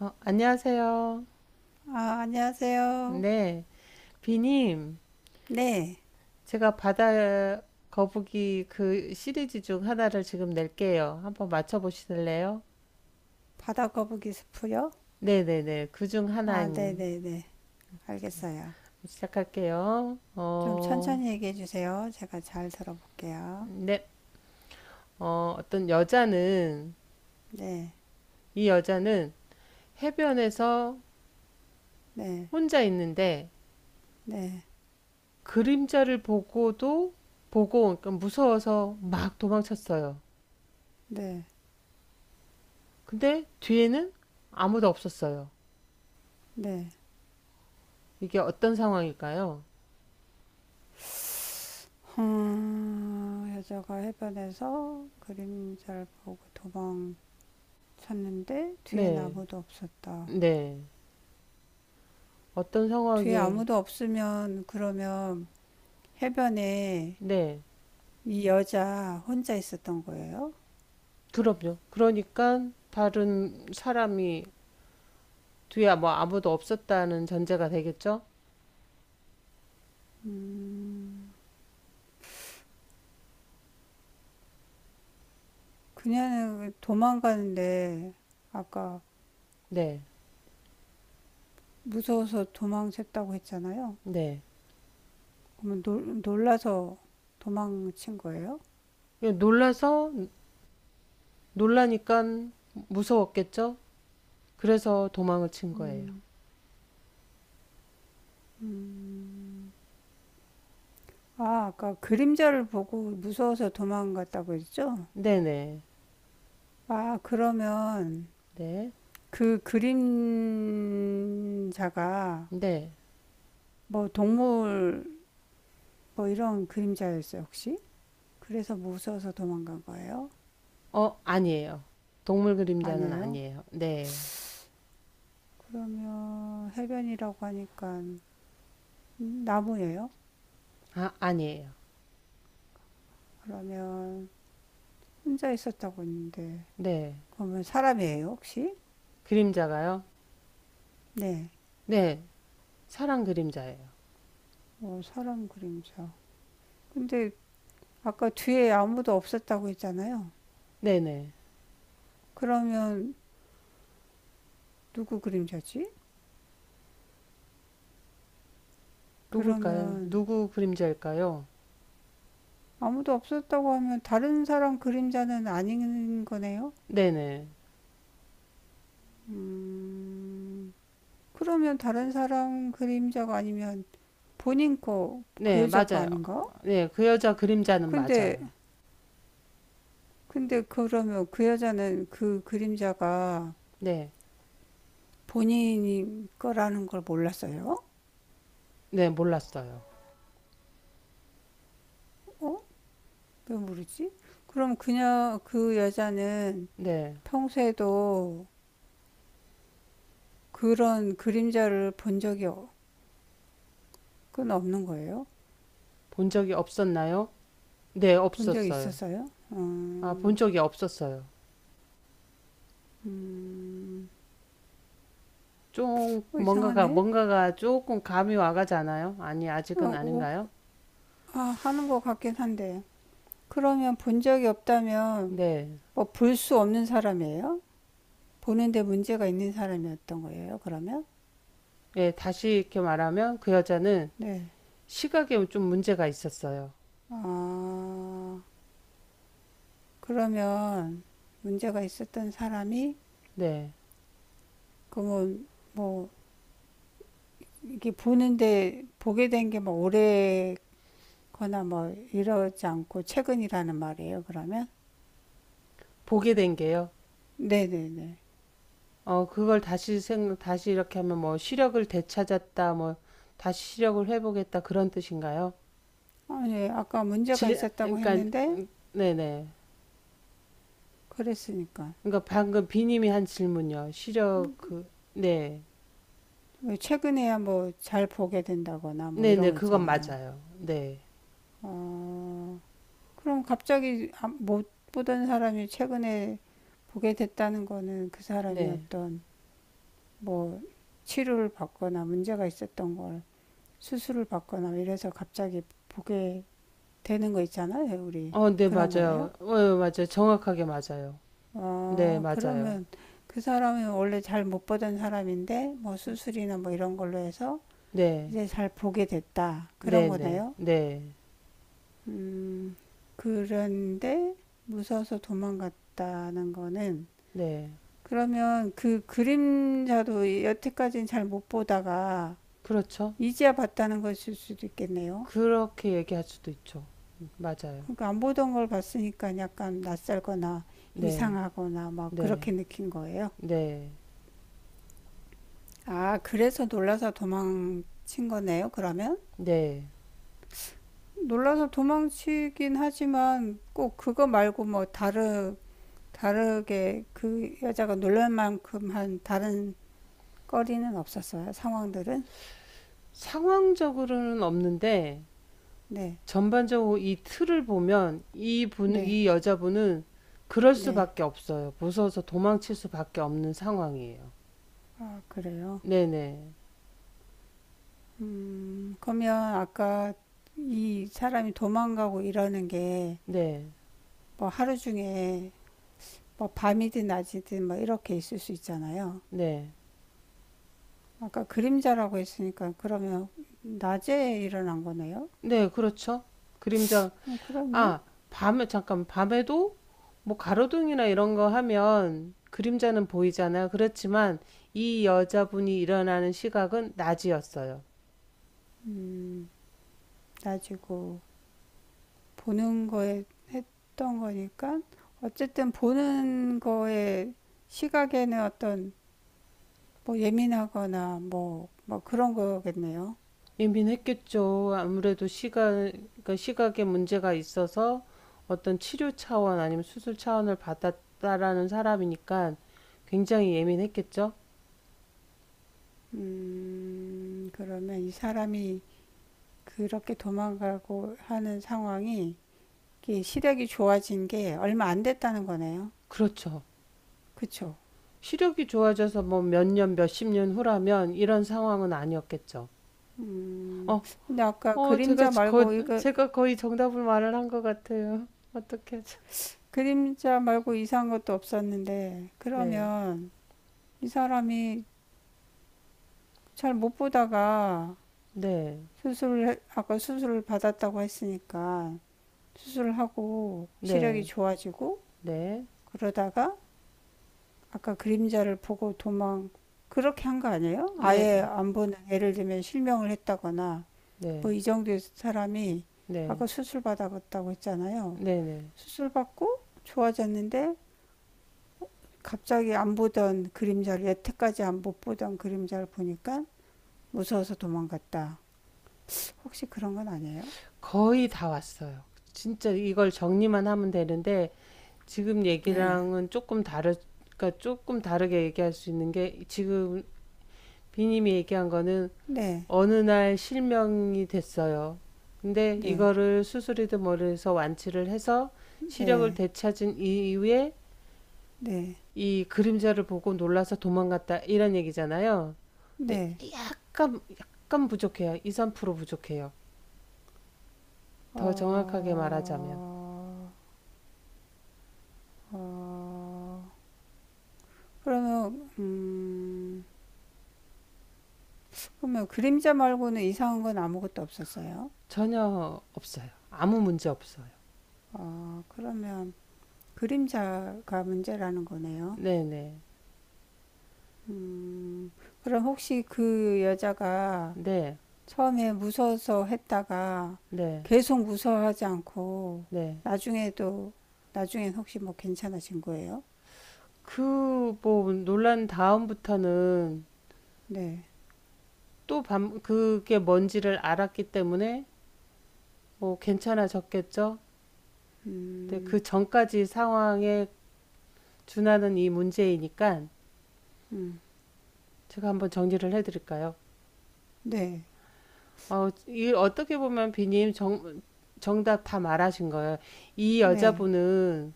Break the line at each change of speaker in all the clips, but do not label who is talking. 안녕하세요.
아, 안녕하세요.
네, 비님,
네,
제가 바다 거북이 그 시리즈 중 하나를 지금 낼게요. 한번 맞춰보실래요?
바다거북이 수프요?
네네네, 그 중 하나
아, 네네네. 알겠어요.
시작할게요.
좀 천천히 얘기해 주세요. 제가 잘 들어볼게요.
네, 어떤 여자는,
네,
이 여자는 해변에서
네,
혼자 있는데
네,
그림자를 보고, 그러니까 무서워서 막 도망쳤어요.
네,
근데 뒤에는 아무도 없었어요.
네.
이게 어떤 상황일까요?
여자가 해변에서 그림자를 보고 도망쳤는데 뒤엔
네,
아무도 없었다.
네. 어떤
뒤에
상황에,
아무도 없으면 그러면 해변에
네,
이 여자 혼자 있었던 거예요?
그럼요. 그러니까 다른 사람이 뒤에 뭐 아무도 없었다는 전제가 되겠죠?
음. 그녀는 도망가는데 아까
네,
무서워서 도망쳤다고 했잖아요.
네.
그러면 놀라서 도망친 거예요?
예, 놀라니까 무서웠겠죠? 그래서 도망을 친 거예요.
음, 아, 아까 그림자를 보고 무서워서 도망갔다고 했죠?
네네,
아, 그러면
네,
그 그림자가
네. 네.
뭐 동물 뭐 이런 그림자였어요, 혹시? 그래서 무서워서 도망간 거예요?
아니에요. 동물 그림자는
아니에요?
아니에요. 네,
그러면 해변이라고 하니까 나무예요?
아니에요.
그러면 혼자 있었다고 했는데
네.
그러면 사람이에요 혹시?
그림자가요?
네.
네, 사랑 그림자예요.
어, 사람 그림자. 근데 아까 뒤에 아무도 없었다고 했잖아요.
네네.
그러면 누구 그림자지?
누굴까요?
그러면
누구 그림자일까요?
아무도 없었다고 하면 다른 사람 그림자는 아닌 거네요?
네네.
음, 그러면 다른 사람 그림자가 아니면 본인 거, 그
네,
여자 거
맞아요.
아닌가?
네, 그 여자 그림자는
근데,
맞아요.
근데 그러면 그 여자는 그 그림자가
네,
본인 거라는 걸 몰랐어요?
네, 몰랐어요.
어? 왜 모르지? 그럼 그 여자는
네,
평소에도 그런 그림자를 본 적이 그건 없는 거예요?
본 적이 없었나요? 네,
본 적이
없었어요.
있었어요?
본
음,
적이 없었어요.
음,
좀,
어, 이상하네?
뭔가가 조금 감이 와가잖아요? 아니, 아직은
어, 오-
아닌가요?
아, 하는 것 같긴 한데. 그러면 본 적이 없다면,
네,
뭐, 볼 수 없는 사람이에요? 보는데 문제가 있는 사람이었던 거예요, 그러면?
예, 다시 이렇게 말하면 그 여자는
네.
시각에 좀 문제가 있었어요.
아, 그러면 문제가 있었던 사람이
네,
그러면 뭐 이게 보는데 보게 된 게 뭐 오래거나 뭐 이러지 않고 최근이라는 말이에요. 그러면
보게 된 게요.
네네네.
그걸 다시 이렇게 하면 뭐 시력을 되찾았다, 뭐 다시 시력을 회복했다 그런 뜻인가요?
아니 아까 문제가 있었다고
그러니까
했는데
네네.
그랬으니까
그러니까 방금 비님이 한 질문요. 시력 네,
왜 최근에야 뭐 잘 보게 된다거나 뭐 이런
네네,
거
그건
있잖아요.
맞아요. 네,
그럼 갑자기 못 보던 사람이 최근에 보게 됐다는 거는 그 사람이
네.
어떤 뭐 치료를 받거나 문제가 있었던 걸 수술을 받거나 이래서 갑자기 보게 되는 거 있잖아요, 우리.
네
그런 거예요?
맞아요. 맞아요. 정확하게 맞아요. 네,
어,
맞아요.
그러면 그 사람이 원래 잘 못 보던 사람인데, 뭐 수술이나 뭐 이런 걸로 해서
네,
이제 잘 보게 됐다.
네,
그런
네,
거네요?
네,
음, 그런데 무서워서 도망갔다는 거는,
네.
그러면 그 그림자도 여태까지는 잘 못 보다가
그렇죠.
이제야 봤다는 것일 수도 있겠네요.
그렇게 얘기할 수도 있죠. 맞아요.
그러니까 안 보던 걸 봤으니까 약간 낯설거나
네,
이상하거나 막
네,
그렇게 느낀 거예요.
네,
아, 그래서 놀라서 도망친 거네요, 그러면?
네.
놀라서 도망치긴 하지만 꼭 그거 말고 뭐 다르게 그 여자가 놀랄 만큼 한 다른 거리는 없었어요, 상황들은?
상황적으로는 없는데
네,
전반적으로 이 틀을 보면 이분
네,
이 여자분은 그럴
네.
수밖에 없어요. 무서워서 도망칠 수밖에 없는 상황이에요.
아, 그래요.
네네.
그러면 아까 이 사람이 도망가고 이러는 게
네.
뭐 하루 중에 뭐 밤이든 낮이든 뭐 이렇게 있을 수 있잖아요.
네.
아까 그림자라고 했으니까 그러면 낮에 일어난 거네요.
네, 그렇죠. 그림자
그러네.
아, 밤에도 뭐 가로등이나 이런 거 하면 그림자는 보이잖아요. 그렇지만 이 여자분이 일어나는 시각은 낮이었어요.
낮이고 보는 거에 던 거니까 어쨌든 보는 거에 시각에는 어떤 뭐 예민하거나 뭐 그런 거겠네요.
예민했겠죠. 아무래도 그러니까 시각에 문제가 있어서 어떤 치료 차원 아니면 수술 차원을 받았다라는 사람이니까 굉장히 예민했겠죠.
음, 그러면 이 사람이 그렇게 도망가고 하는 상황이 시력이 좋아진 게 얼마 안 됐다는 거네요.
그렇죠.
그쵸?
시력이 좋아져서 뭐 몇 년, 몇 십 년 후라면 이런 상황은 아니었겠죠.
음,
어,
근데 아까 그림자 말고, 이거,
제가 거의 정답을 말을 한 것 같아요. 어떻게 하죠?
그림자 말고 이상한 것도 없었는데,
네,
그러면 이 사람이 잘 못 보다가
네,
아까 수술을 받았다고 했으니까, 수술을 하고 시력이
네,
좋아지고,
네,
그러다가 아까 그림자를 보고 그렇게 한 거 아니에요? 아예
네,
안 보는, 예를 들면 실명을 했다거나, 뭐
네,
이 정도의 사람이
네,
아까 수술 받았다고 했잖아요.
네, 네.
수술 받고 좋아졌는데, 갑자기 안 보던 그림자를 여태까지 안 못 보던 그림자를 보니까 무서워서 도망갔다. 혹시 그런 건 아니에요?
거의 다 왔어요. 진짜 이걸 정리만 하면 되는데 지금
네.
얘기랑은 그러니까 조금 다르게 얘기할 수 있는 게 지금 비님이 얘기한 거는
네,
어느 날 실명이 됐어요. 근데
네,
이거를 수술이든 뭐를 해서 완치를 해서 시력을
네,
되찾은 이후에
네,
이 그림자를 보고 놀라서 도망갔다 이런 얘기잖아요. 근데
네.
약간 부족해요. 2, 3% 부족해요. 더 정확하게 말하자면.
어, 어, 그러면, 음, 그러면 그림자 말고는 이상한 건 아무것도 없었어요.
전혀 없어요. 아무 문제 없어요.
어, 그러면 그림자가 문제라는 거네요.
네네.
그럼 혹시 그 여자가
네. 네.
처음에 무서워서 했다가
네.
계속 무서워하지 않고
네.
나중에도 나중엔 혹시 뭐 괜찮아진 거예요?
그 뭐 논란 다음부터는
네.
그게 뭔지를 알았기 때문에 뭐 괜찮아졌겠죠. 근데
음.
그 전까지 상황에 준하는 이 문제이니까
음.
제가 한번 정리를 해드릴까요?
네.
어, 이 어떻게 보면 비님 정답 다 말하신 거예요. 이
네.
여자분은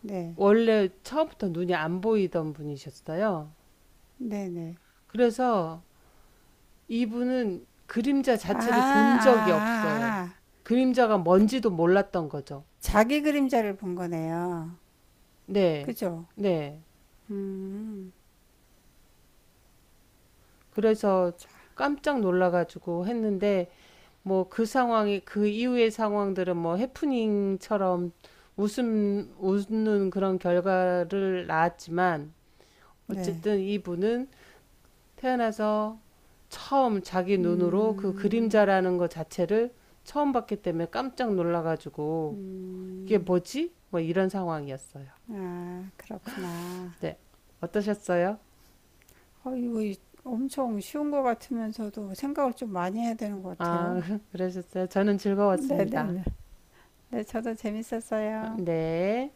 네.
원래 처음부터 눈이 안 보이던 분이셨어요.
네, 네.
그래서 이분은 그림자
아, 아,
자체를 본 적이 없어요.
아. 아.
그림자가 뭔지도 몰랐던 거죠.
자기 그림자를 본 거네요.
네,
그죠?
네.
음.
그래서 깜짝 놀라가지고 했는데, 뭐 그 상황이, 그 이후의 상황들은 뭐 해프닝처럼 웃는 그런 결과를 낳았지만,
네.
어쨌든 이분은 태어나서 처음 자기 눈으로 그
음.
그림자라는 것 자체를 처음 봤기 때문에 깜짝 놀라가지고, 이게
음.
뭐지? 뭐 이런 상황이었어요.
아, 그렇구나.
네. 어떠셨어요?
어, 엄청 쉬운 것 같으면서도 생각을 좀 많이 해야 되는 것
아,
같아요.
그러셨어요? 저는
네네네. 네,
즐거웠습니다.
네. 네, 저도 재밌었어요.
네.